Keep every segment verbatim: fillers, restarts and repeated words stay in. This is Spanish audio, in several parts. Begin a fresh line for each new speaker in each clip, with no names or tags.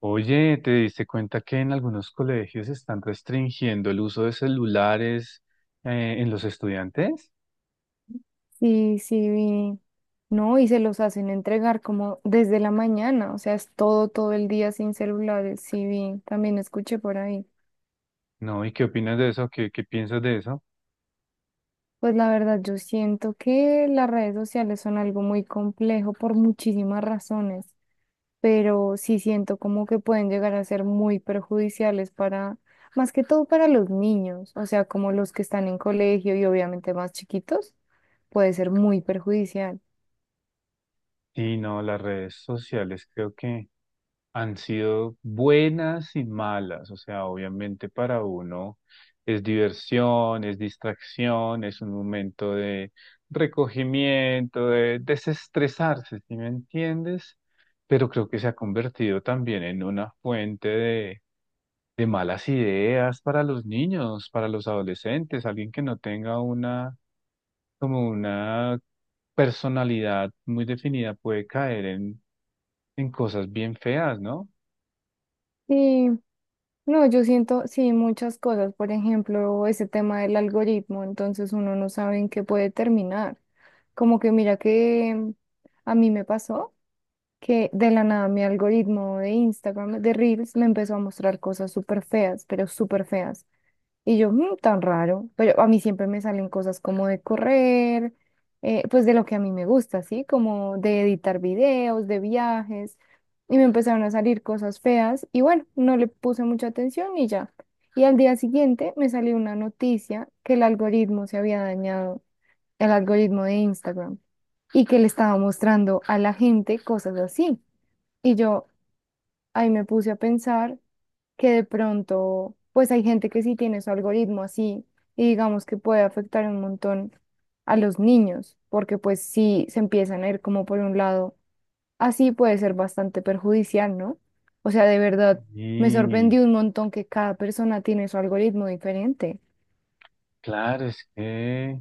Oye, ¿te diste cuenta que en algunos colegios están restringiendo el uso de celulares eh, en los estudiantes?
Sí, sí, vi. No, y se los hacen entregar como desde la mañana, o sea, es todo, todo el día sin celulares, sí, vi, también escuché por ahí.
No, ¿y qué opinas de eso? ¿Qué, qué piensas de eso?
Pues la verdad, yo siento que las redes sociales son algo muy complejo por muchísimas razones, pero sí siento como que pueden llegar a ser muy perjudiciales para, más que todo para los niños, o sea, como los que están en colegio y obviamente más chiquitos, puede ser muy perjudicial.
Sí, no, las redes sociales creo que han sido buenas y malas. O sea, obviamente para uno es diversión, es distracción, es un momento de recogimiento, de desestresarse, ¿sí me entiendes? Pero creo que se ha convertido también en una fuente de de malas ideas para los niños, para los adolescentes, alguien que no tenga una, como una personalidad muy definida puede caer en, en cosas bien feas, ¿no?
Sí, no, yo siento, sí, muchas cosas. Por ejemplo, ese tema del algoritmo, entonces uno no sabe en qué puede terminar. Como que mira que a mí me pasó que de la nada mi algoritmo de Instagram, de Reels, me empezó a mostrar cosas súper feas, pero súper feas. Y yo, "Mm, tan raro, pero a mí siempre me salen cosas como de correr, eh, pues de lo que a mí me gusta, ¿sí? Como de editar videos, de viajes, y me empezaron a salir cosas feas y bueno, no le puse mucha atención y ya. Y al día siguiente me salió una noticia que el algoritmo se había dañado, el algoritmo de Instagram, y que le estaba mostrando a la gente cosas así. Y yo ahí me puse a pensar que de pronto, pues hay gente que sí tiene su algoritmo así y digamos que puede afectar un montón a los niños, porque pues si se empiezan a ir como por un lado, así puede ser bastante perjudicial, ¿no? O sea, de verdad, me
Y
sorprendió un montón que cada persona tiene su algoritmo diferente.
claro, es que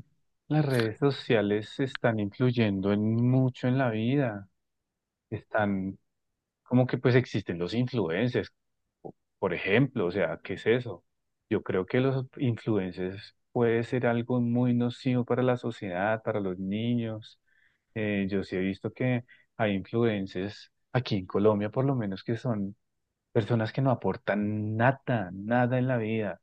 las redes sociales están influyendo en mucho en la vida, están como que pues existen los influencers, po- por ejemplo, o sea, ¿qué es eso? Yo creo que los influencers puede ser algo muy nocivo para la sociedad, para los niños. Eh, yo sí he visto que hay influencers aquí en Colombia, por lo menos, que son personas que no aportan nada, nada en la vida.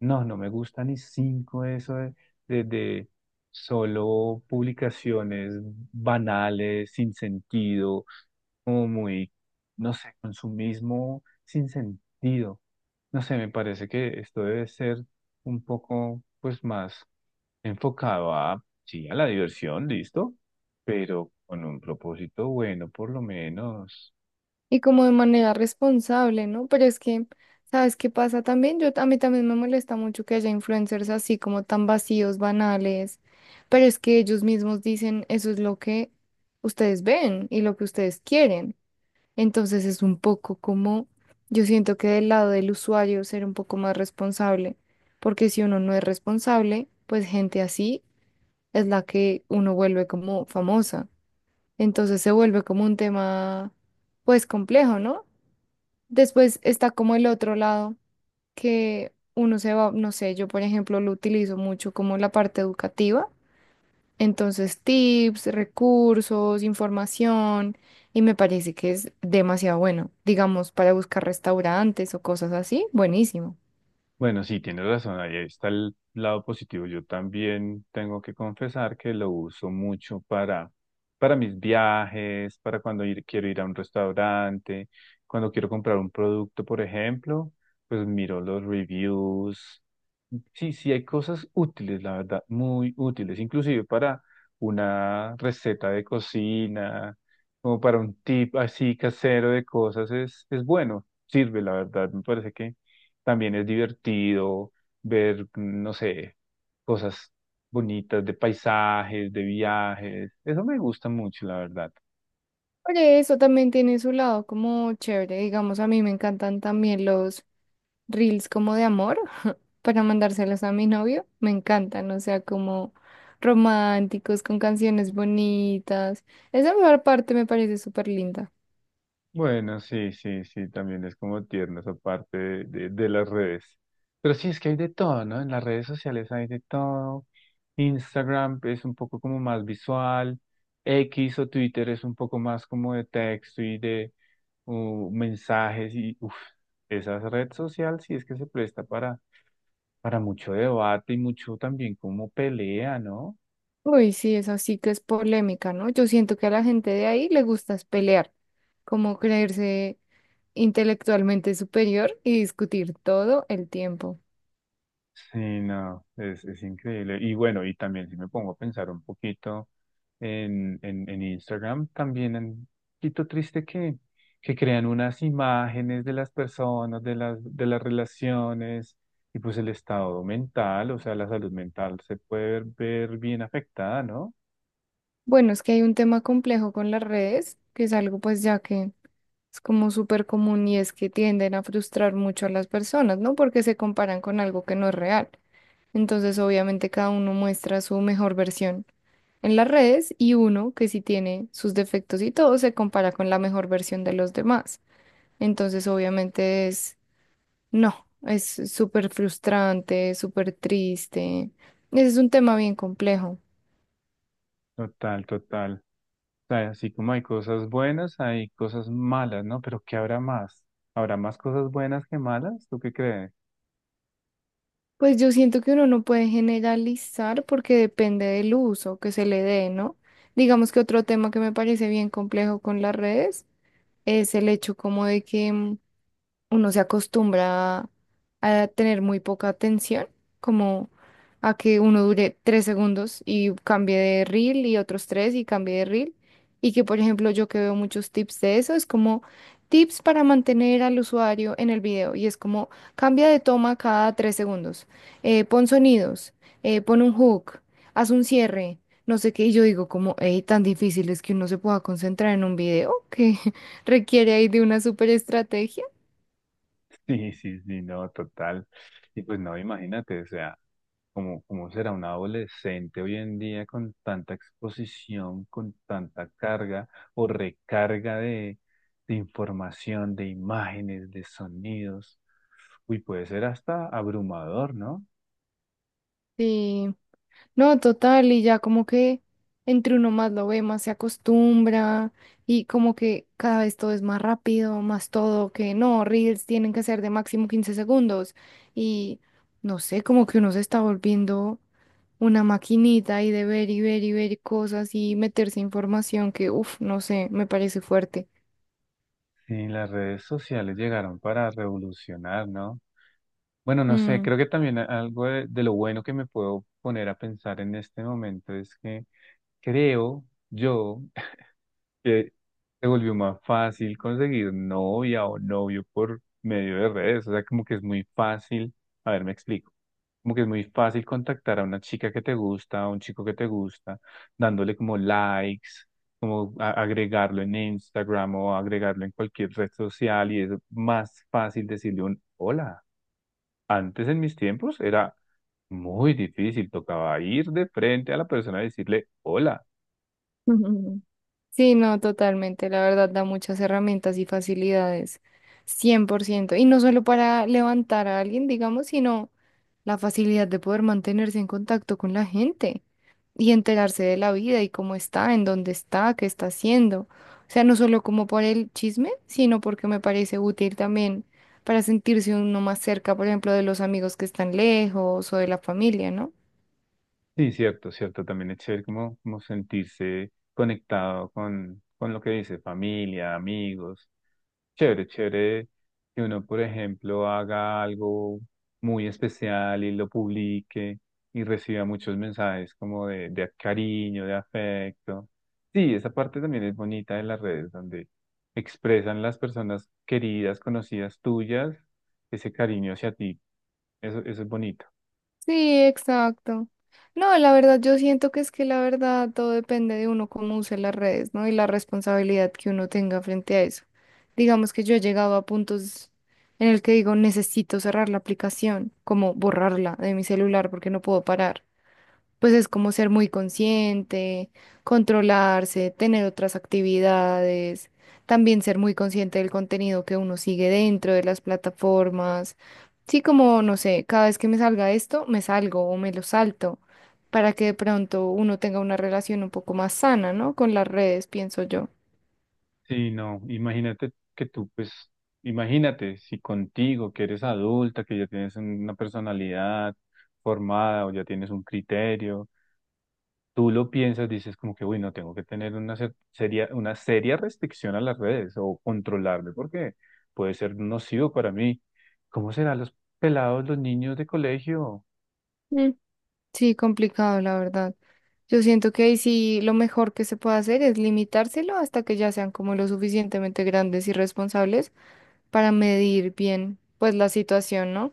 No, no me gusta ni cinco eso de, de, de solo publicaciones banales, sin sentido como muy, no sé, consumismo sin sentido. No sé, me parece que esto debe ser un poco, pues, más enfocado a, sí, a la diversión, listo, pero con un propósito bueno, por lo menos.
Y como de manera responsable, ¿no? Pero es que, ¿sabes qué pasa también? Yo, a mí también me molesta mucho que haya influencers así como tan vacíos, banales, pero es que ellos mismos dicen, eso es lo que ustedes ven y lo que ustedes quieren. Entonces es un poco como, yo siento que del lado del usuario ser un poco más responsable, porque si uno no es responsable, pues gente así es la que uno vuelve como famosa. Entonces se vuelve como un tema, pues complejo, ¿no? Después está como el otro lado, que uno se va, no sé, yo por ejemplo lo utilizo mucho como la parte educativa, entonces tips, recursos, información, y me parece que es demasiado bueno, digamos, para buscar restaurantes o cosas así, buenísimo.
Bueno, sí, tienes razón, ahí está el lado positivo. Yo también tengo que confesar que lo uso mucho para, para mis viajes, para cuando ir- quiero ir a un restaurante, cuando quiero comprar un producto, por ejemplo, pues miro los reviews. Sí, sí, hay cosas útiles, la verdad, muy útiles, inclusive para una receta de cocina, como para un tip así casero de cosas, es, es bueno, sirve, la verdad, me parece que también es divertido ver, no sé, cosas bonitas de paisajes, de viajes. Eso me gusta mucho, la verdad.
Por eso también tiene su lado como chévere, digamos, a mí me encantan también los reels como de amor, para mandárselos a mi novio, me encantan, o sea, como románticos, con canciones bonitas. Esa mejor parte me parece súper linda.
Bueno, sí, sí, sí, también es como tierno esa parte de, de- de las redes. Pero sí, es que hay de todo, ¿no? En las redes sociales hay de todo. Instagram es un poco como más visual. X o Twitter es un poco más como de texto y de uh, mensajes y uf, esa red social sí es que se presta para para mucho debate y mucho también como pelea, ¿no?
Uy, sí, esa sí que es polémica, ¿no? Yo siento que a la gente de ahí le gusta es pelear, como creerse intelectualmente superior y discutir todo el tiempo.
Sí, no, es, es increíble. Y bueno, y también si me pongo a pensar un poquito en, en, en Instagram, también en- un poquito triste que, que crean unas imágenes de las personas, de las, de las relaciones y pues el estado mental, o sea, la salud mental se puede ver, ver bien afectada, ¿no?
Bueno, es que hay un tema complejo con las redes, que es algo pues ya que es como súper común y es que tienden a frustrar mucho a las personas, ¿no? Porque se comparan con algo que no es real. Entonces, obviamente, cada uno muestra su mejor versión en las redes y uno que sí tiene sus defectos y todo se compara con la mejor versión de los demás. Entonces, obviamente, es, no, es súper frustrante, súper triste. Ese es un tema bien complejo.
Total, total. Sea, así como hay cosas buenas, hay cosas malas, ¿no? Pero ¿qué habrá más? ¿Habrá más cosas buenas que malas? ¿Tú qué crees?
Pues yo siento que uno no puede generalizar porque depende del uso que se le dé, ¿no? Digamos que otro tema que me parece bien complejo con las redes es el hecho como de que mm, uno se acostumbra a tener muy poca atención, como a que uno dure tres segundos y cambie de reel y otros tres y cambie de reel. Y que, por ejemplo, yo que veo muchos tips de eso, es como tips para mantener al usuario en el video. Y es como cambia de toma cada tres segundos, eh, pon sonidos, eh, pon un hook, haz un cierre. No sé qué, y yo digo como, hey, tan difícil es que uno se pueda concentrar en un video que requiere ahí de una super estrategia.
Sí, sí, sí, no, total. Y pues no, imagínate, o sea, ¿cómo, cómo será un adolescente hoy en día con tanta exposición, con tanta carga o recarga de, de información, de imágenes, de sonidos? Uy, puede ser hasta abrumador, ¿no?
Sí, no, total, y ya como que entre uno más lo ve, más se acostumbra y como que cada vez todo es más rápido, más todo, que no, reels tienen que ser de máximo quince segundos y no sé, como que uno se está volviendo una maquinita y de ver y ver y ver cosas y meterse información que, uff, no sé, me parece fuerte.
Sí, las redes sociales llegaron para revolucionar, ¿no? Bueno, no sé,
Mm.
creo que también a- algo de, de lo bueno que me puedo poner a pensar en este momento es que creo yo que se volvió más fácil conseguir novia o novio por medio de redes, o sea, como que es muy fácil, a ver, me explico, como que es muy fácil contactar a una chica que te gusta, a un chico que te gusta, dándole como likes, como a- agregarlo en Instagram o agregarlo en cualquier red social y es más fácil decirle un hola. Antes en mis tiempos era muy difícil, tocaba ir de frente a la persona y decirle hola.
Ujú. Sí, no, totalmente. La verdad da muchas herramientas y facilidades. Cien por ciento. Y no solo para levantar a alguien, digamos, sino la facilidad de poder mantenerse en contacto con la gente y enterarse de la vida y cómo está, en dónde está, qué está haciendo. O sea, no solo como por el chisme, sino porque me parece útil también para sentirse uno más cerca, por ejemplo, de los amigos que están lejos o de la familia, ¿no?
Sí, cierto, cierto, también es chévere como, como sentirse conectado con, con lo que dice, familia, amigos. Chévere, chévere que uno, por ejemplo, haga algo muy especial y lo publique y reciba muchos mensajes como de, de cariño, de afecto. Sí, esa parte también es bonita de las redes, donde expresan las personas queridas, conocidas tuyas, ese cariño hacia ti. Eso, eso es bonito.
Sí, exacto. No, la verdad, yo siento que es que la verdad todo depende de uno cómo use las redes, ¿no? Y la responsabilidad que uno tenga frente a eso. Digamos que yo he llegado a puntos en el que digo, necesito cerrar la aplicación, como borrarla de mi celular porque no puedo parar. Pues es como ser muy consciente, controlarse, tener otras actividades, también ser muy consciente del contenido que uno sigue dentro de las plataformas. Sí, como, no sé, cada vez que me salga esto, me salgo o me lo salto, para que de pronto uno tenga una relación un poco más sana, ¿no? Con las redes, pienso yo.
Sí, no, imagínate que tú, pues, imagínate si contigo, que eres adulta, que ya tienes una personalidad formada o ya tienes un criterio, tú lo piensas, dices como que, uy, no, tengo que tener una cer- seria, una seria restricción a las redes o controlarme porque puede ser nocivo para mí. ¿Cómo serán los pelados, los niños de colegio?
Mm, sí, complicado, la verdad. Yo siento que ahí sí lo mejor que se puede hacer es limitárselo hasta que ya sean como lo suficientemente grandes y responsables para medir bien, pues, la situación, ¿no?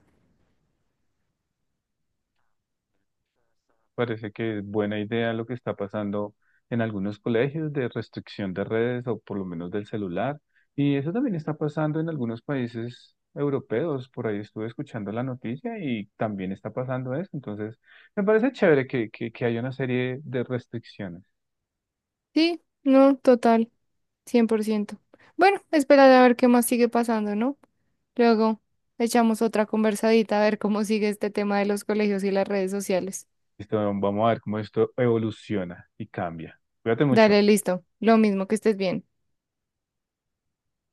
Parece que es buena idea lo que está pasando en algunos colegios de restricción de redes o por lo menos del celular. Y eso también está pasando en algunos países europeos. Por ahí estuve escuchando la noticia y también está pasando eso. Entonces, me parece chévere que, que, que haya una serie de restricciones.
Sí, no, total, cien por ciento. Bueno, esperar a ver qué más sigue pasando, ¿no? Luego echamos otra conversadita a ver cómo sigue este tema de los colegios y las redes sociales.
Listo, vamos a ver cómo esto evoluciona y cambia. Cuídate
Dale,
mucho.
listo. Lo mismo que estés bien.